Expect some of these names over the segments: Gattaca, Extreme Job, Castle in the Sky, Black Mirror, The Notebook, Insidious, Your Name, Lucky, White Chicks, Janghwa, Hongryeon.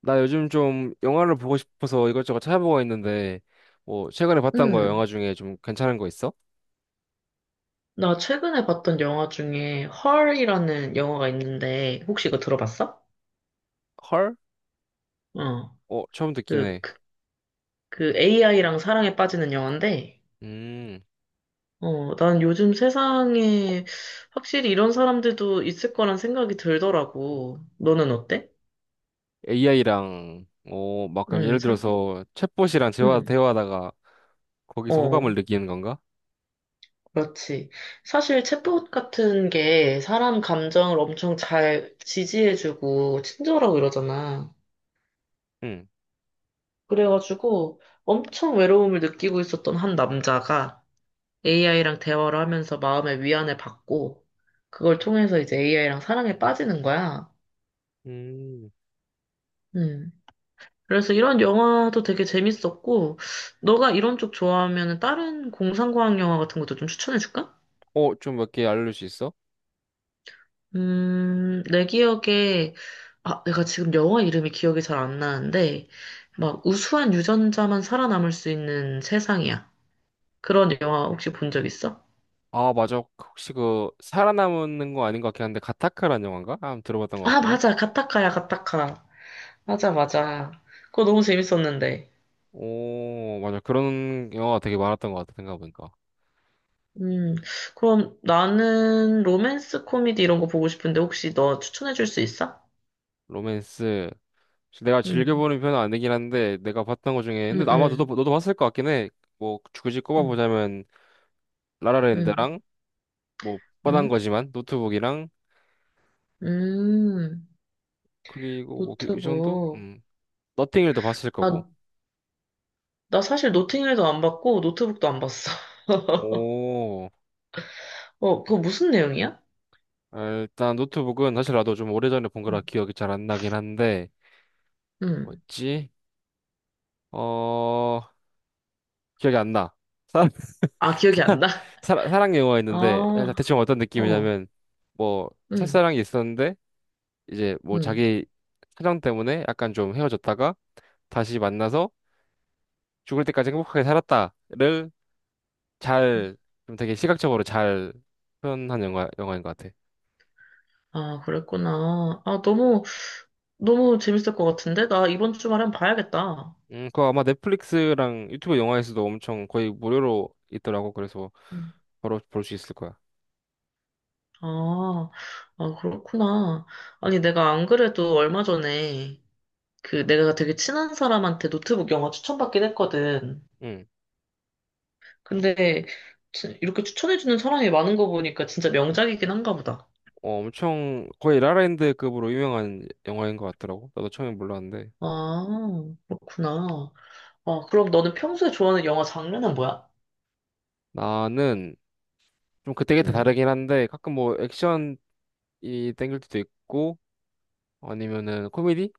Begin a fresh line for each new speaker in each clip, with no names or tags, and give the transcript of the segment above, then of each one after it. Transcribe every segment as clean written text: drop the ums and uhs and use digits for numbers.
나 요즘 좀 영화를 보고 싶어서 이것저것 찾아보고 있는데, 뭐, 최근에 봤던 거
음,
영화 중에 좀 괜찮은 거 있어?
나 최근에 봤던 영화 중에 헐이라는 영화가 있는데 혹시 이거 들어봤어?
헐?
어,
어, 처음 듣긴
그,
해.
그, 그 AI랑 사랑에 빠지는 영화인데
음,
난 요즘 세상에 확실히 이런 사람들도 있을 거란 생각이 들더라고. 너는 어때?
AI랑, 어, 막, 그럼
음,
예를
사,
들어서, 챗봇이랑 대화,
음,
대화하다가, 거기서
어,
호감을 느끼는 건가?
그렇지. 사실 챗봇 같은 게 사람 감정을 엄청 잘 지지해주고 친절하고 이러잖아.
응.
그래가지고 엄청 외로움을 느끼고 있었던 한 남자가 AI랑 대화를 하면서 마음의 위안을 받고 그걸 통해서 이제 AI랑 사랑에 빠지는 거야.
음,
음. 그래서 이런 영화도 되게 재밌었고 너가 이런 쪽 좋아하면 다른 공상과학 영화 같은 것도 좀 추천해 줄까?
어, 좀 몇 개 알려줄 수 있어?
내 기억에. 아, 내가 지금 영화 이름이 기억이 잘 안 나는데 막 우수한 유전자만 살아남을 수 있는 세상이야. 그런 영화 혹시 본 적 있어?
아, 맞아. 혹시 그, 살아남는 거 아닌 것 같긴 한데, 가타카라는 영화인가? 아, 들어봤던 것
아,
같은데?
맞아.
음.
가타카야, 가타카. 맞아, 맞아. 그거 너무 재밌었는데.
오, 맞아. 그런 영화가 되게 많았던 것 같아, 생각해보니까.
음, 그럼 나는 로맨스 코미디 이런 거 보고 싶은데 혹시 너 추천해 줄 수 있어?
로맨스. 내가
음.
즐겨보는 편은 아니긴 한데 내가 봤던 것 중에
음.
근데 아마 너도
음.
너도 봤을 것 같긴 해. 뭐 굳이
음.
꼽아보자면
음.
라라랜드랑 뭐 뻔한
음.
거지만 노트북이랑
음.
그리고 뭐 그 이 정도?
노트북.
음. 너팅힐도 봤을 거고.
아, 나 사실 노팅힐도 안 봤고 노트북도 안 봤어.
오.
그거 무슨 내용이야?
아, 일단 노트북은 사실 나도 좀 오래전에 본 거라
음.
기억이 잘 안 나긴 한데
음.
뭐였지? 어 기억이 안 나. 사랑
아, 기억이 안 나?
사랑 영화였는데 아,
아.
대충 어떤
어.
느낌이냐면 뭐
음.
첫사랑이 있었는데 이제 뭐
음.
자기 사정 때문에 약간 좀 헤어졌다가 다시 만나서 죽을 때까지 행복하게 살았다를 잘, 좀 되게 시각적으로 잘 표현한 영화인 것 같아.
아, 그랬구나. 아, 너무 너무 재밌을 것 같은데? 나 이번 주말에 한번 봐야겠다.
그거 아마 넷플릭스랑 유튜브 영화에서도 엄청 거의 무료로 있더라고. 그래서
음.
바로 볼 수 있을 거야.
아, 아, 그렇구나. 아니, 내가 안 그래도 얼마 전에 그 내가 되게 친한 사람한테 노트북 영화 추천받긴 했거든.
응.
근데 이렇게 추천해주는 사람이 많은 거 보니까 진짜 명작이긴 한가 보다.
어, 엄청 거의 라라랜드급으로 유명한 영화인 것 같더라고. 나도 처음에 몰랐는데.
아, 그렇구나. 아, 그럼 너는 평소에 좋아하는 영화 장르는 뭐야?
나는 좀 그때그때
음.
다르긴 한데 가끔 뭐 액션이 땡길 때도 있고 아니면은 코미디?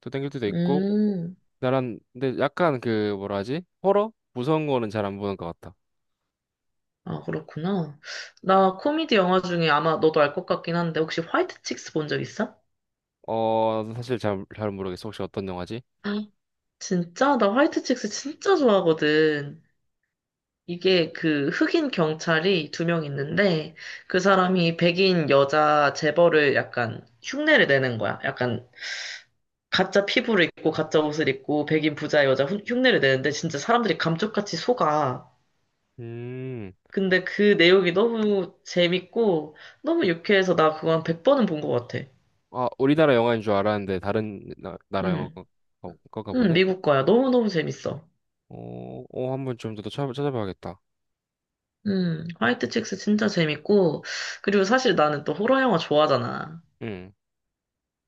또 땡길 때도 있고
음.
나란 근데 약간 그 뭐라 하지? 호러? 무서운 거는 잘 안 보는 것 같아.
아, 그렇구나. 나 코미디 영화 중에 아마 너도 알 것 같긴 한데 혹시 화이트 칙스 본 적 있어?
어 사실 잘 모르겠어. 혹시 어떤 영화지?
진짜? 나 화이트 칙스 진짜 좋아하거든. 이게 그 흑인 경찰이 두 명 있는데 그 사람이 백인 여자 재벌을 약간 흉내를 내는 거야. 약간 가짜 피부를 입고 가짜 옷을 입고 백인 부자 여자 흉내를 내는데 진짜 사람들이 감쪽같이 속아.
음.
근데 그 내용이 너무 재밌고 너무 유쾌해서 나 그거 한 100번은 본 것 같아.
아 우리나라 영화인 줄 알았는데 다른 나라 영화
응,
거, 거가
응,
보네?
미국 거야. 너무너무 재밌어.
어, 어 한 번 좀 더 찾아봐야겠다.
화이트 칙스 진짜 재밌고, 그리고 사실 나는 또 호러 영화 좋아하잖아.
응.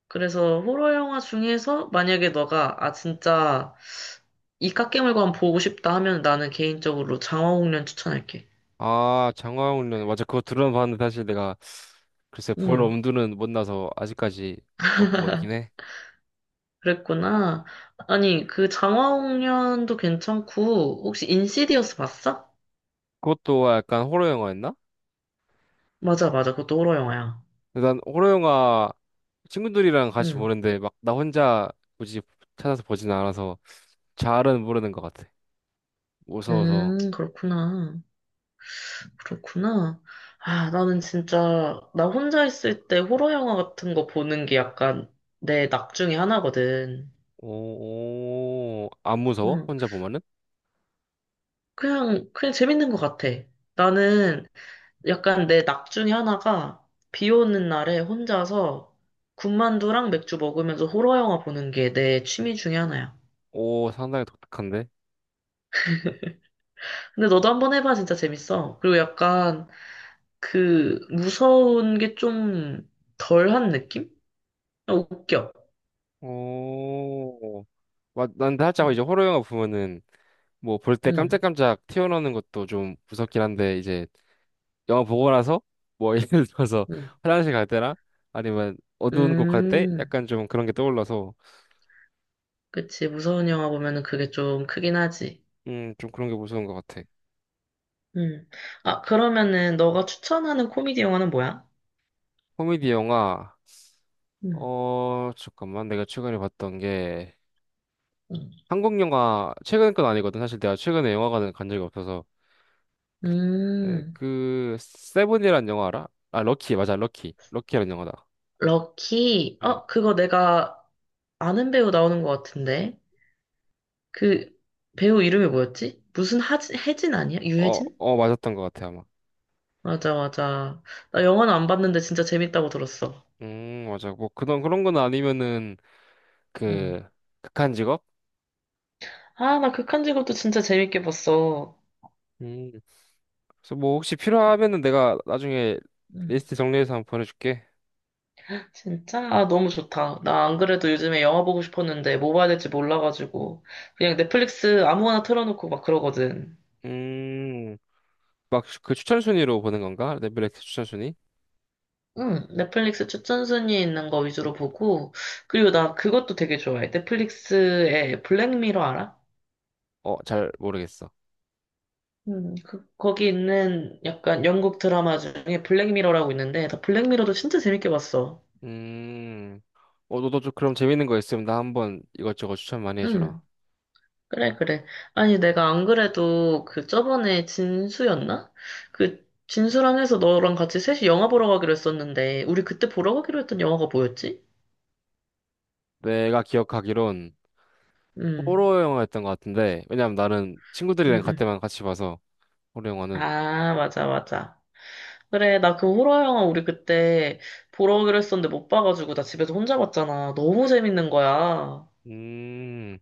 그래서 호러 영화 중에서 만약에 너가 아 진짜 이 깎이물관 보고 싶다 하면 나는 개인적으로 장화홍련 추천할게.
아 장화홍련 맞아 그거 들어는 봤는데 사실 내가 글쎄 볼
음,
엄두는 못 나서 아직까지 못 보고 있긴 해.
그랬구나. 아니 그 장화홍련도 괜찮고 혹시 인시디어스 봤어?
그것도 약간 호러 영화였나?
맞아 맞아 그것도 호러 영화야.
난 호러 영화 친구들이랑 같이
음.
보는데 막 나 혼자 굳이 찾아서 보진 않아서 잘은 모르는 것 같아. 무서워서.
그렇구나. 그렇구나. 아 나는 진짜 나 혼자 있을 때 호러 영화 같은 거 보는 게 약간 내 낙 중에 하나거든.
오, 오, 안 무서워?
응.
혼자 보면은?
그냥 재밌는 것 같아. 나는 약간 내 낙 중에 하나가 비 오는 날에 혼자서 군만두랑 맥주 먹으면서 호러 영화 보는 게 내 취미 중에 하나야.
오, 상당히 독특한데?
근데 너도 한번 해봐, 진짜 재밌어. 그리고 약간 그 무서운 게 좀 덜한 느낌? 아, 웃겨.
오, 맞, 난 살짝 이제 호러 영화 보면은 뭐 볼 때
응.
깜짝깜짝 튀어나오는 것도 좀 무섭긴 한데 이제 영화 보고 나서 뭐 예를 들어서
응.
화장실 갈 때나 아니면 어두운 곳 갈 때
음. 음,
약간 좀 그런 게 떠올라서
그치, 무서운 영화 보면은 그게 좀 크긴 하지.
좀 그런 게 무서운 것 같아.
음. 아, 그러면은 너가 추천하는 코미디 영화는 뭐야?
코미디 영화,
음.
어, 잠깐만. 내가 최근에 봤던 게,
음.
한국 영화, 최근 건 아니거든. 사실 내가 최근에 영화관을 간 적이 없어서. 네,
음,
그, 세븐이란 영화 알아? 아, 럭키, 맞아, 럭키. 럭키라는 영화다.
럭키.
응.
그거 내가 아는 배우 나오는 것 같은데. 그 배우 이름이 뭐였지? 무슨 하진, 혜진 아니야?
어,
유혜진?
어, 맞았던 것 같아, 아마.
맞아, 맞아. 나 영화는 안 봤는데 진짜 재밌다고 들었어.
맞아. 뭐, 그런 건 아니면은,
응.
그, 극한 직업?
아, 나 극한 직업도 진짜 재밌게 봤어.
음, 그래서 뭐, 혹시 필요하면은 내가 나중에
응.
리스트 정리해서 한번 보내줄게.
진짜? 아, 너무 좋다. 나 안 그래도 요즘에 영화 보고 싶었는데 뭐 봐야 될지 몰라가지고 그냥 넷플릭스 아무거나 틀어놓고 막 그러거든.
음, 막 그 추천 순위로 보는 건가? 넷플릭스 추천 순위?
응, 넷플릭스 추천 순위 있는 거 위주로 보고, 그리고 나 그것도 되게 좋아해. 넷플릭스에 블랙미러 알아?
어, 잘 모르겠어.
거기 있는 약간 영국 드라마 중에 블랙미러라고 있는데, 나 블랙미러도 진짜 재밌게 봤어.
음, 어, 너도 좀 그럼 재밌는 거 있으면 나 한번 이것저것 추천 많이 해주라.
응, 그래, 그래. 아니, 내가 안 그래도 그 저번에 진수였나? 그 진수랑 해서 너랑 같이 셋이 영화 보러 가기로 했었는데, 우리 그때 보러 가기로 했던 영화가 뭐였지?
내가 기억하기론
응.
호러 영화였던 것 같은데, 왜냐면 나는
응.
친구들이랑 갈
응.
때만 같이 봐서, 호러 영화는.
아, 맞아, 맞아. 그래, 나 그 호러 영화 우리 그때 보러 오기로 했었는데 못 봐가지고 나 집에서 혼자 봤잖아. 너무 재밌는 거야.
음,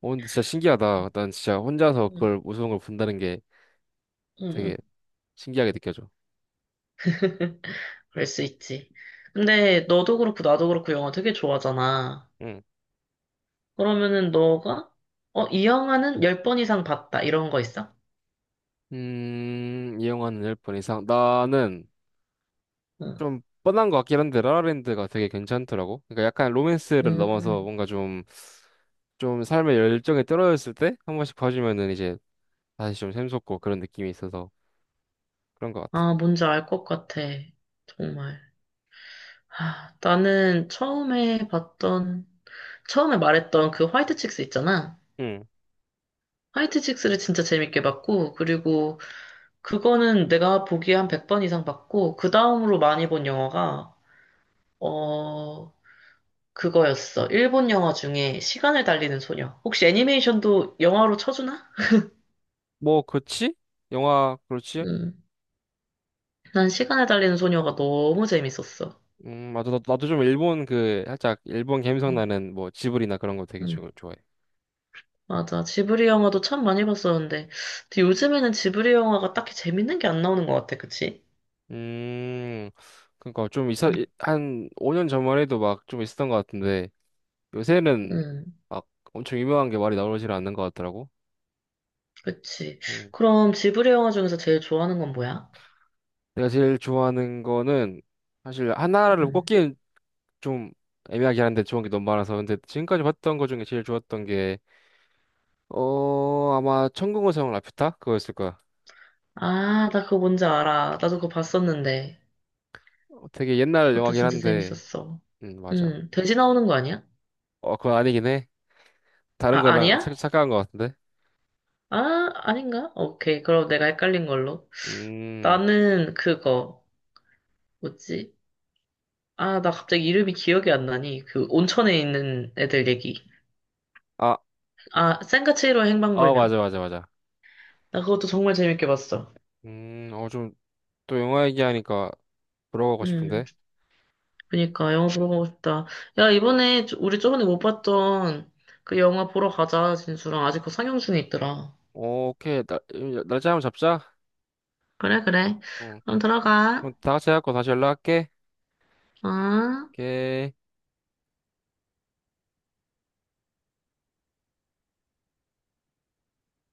어, 근데 진짜 신기하다. 난 진짜 혼자서
응.
그걸 무서운 걸 본다는 게
응.
되게
응.
신기하게 느껴져.
그럴 수 있지. 근데 너도 그렇고 나도 그렇고 영화 되게 좋아하잖아.
응.
그러면은 너가 어, 이 영화는 10번 이상 봤다. 이런 거 있어?
이 영화는 열 번 이상. 나는
응.
좀 뻔한 것 같긴 한데, 라라랜드가 되게 괜찮더라고. 그러니까 약간 로맨스를 넘어서
음,
뭔가 좀 삶의 열정에 떨어졌을 때 한 번씩 봐주면은 이제 다시 좀 샘솟고 그런 느낌이 있어서 그런 것 같아.
아, 뭔지 알 것 같아. 정말. 아, 나는 처음에 봤던, 처음에 말했던 그 화이트 칙스 있잖아.
응.
화이트 칙스를 진짜 재밌게 봤고, 그리고 그거는 내가 보기에 한 100번 이상 봤고, 그 다음으로 많이 본 영화가, 어, 그거였어. 일본 영화 중에 시간을 달리는 소녀. 혹시 애니메이션도 영화로 쳐주나?
뭐 그렇지? 영화 그렇지?
음. 난 시간을 달리는 소녀가 너무 재밌었어.
맞아 나도 좀 일본 그 살짝 일본 감성
음.
나는 뭐 지브리나 그런 거 되게
음.
좋아해.
맞아. 지브리 영화도 참 많이 봤었는데, 근데 요즘에는 지브리 영화가 딱히 재밌는 게 안 나오는 것 같아. 그치?
음 그러니까 좀 있어 한 5년 전만 해도 막 좀 있었던 것 같은데 요새는
음,
막 엄청 유명한 게 말이 나오질 않는 것 같더라고.
그치.
음
그럼 지브리 영화 중에서 제일 좋아하는 건 뭐야?
내가 제일 좋아하는 거는 사실 하나를
음.
꼽기는 좀 애매하긴 한데 좋은 게 너무 많아서 근데 지금까지 봤던 거 중에 제일 좋았던 게 어 아마 천국의 성 라퓨타 그거였을 거야.
아, 나 그거 뭔지 알아. 나도 그거 봤었는데.
어, 되게 옛날
그것도
영화긴
진짜
한데
재밌었어.
맞아.
돼지 나오는 거 아니야?
어 그건 아니긴 해. 다른
아,
거랑
아니야?
착각한 거 같은데
아, 아닌가? 오케이. 그럼 내가 헷갈린 걸로.
음아
나는 그거, 뭐지? 아, 나 갑자기 이름이 기억이 안 나니. 그 온천에 있는 애들 얘기.
아
아, 센과7로
아
행방불명.
맞아 맞아 맞아
나 그것도 정말 재밌게 봤어.
음어 좀 또 영화 얘기하니까 들어가고
음,
싶은데
그니까 영화 보러 가고 싶다. 야, 이번에 우리 저번에 못 봤던 그 영화 보러 가자, 진수랑. 아직 그거 상영 중에 있더라.
어, 오케이 날 날짜 한번 잡자.
그래, 그래.
어
그럼
그럼
들어가.
다 같이 해갖고 다시 연락할게.
어?
오케이.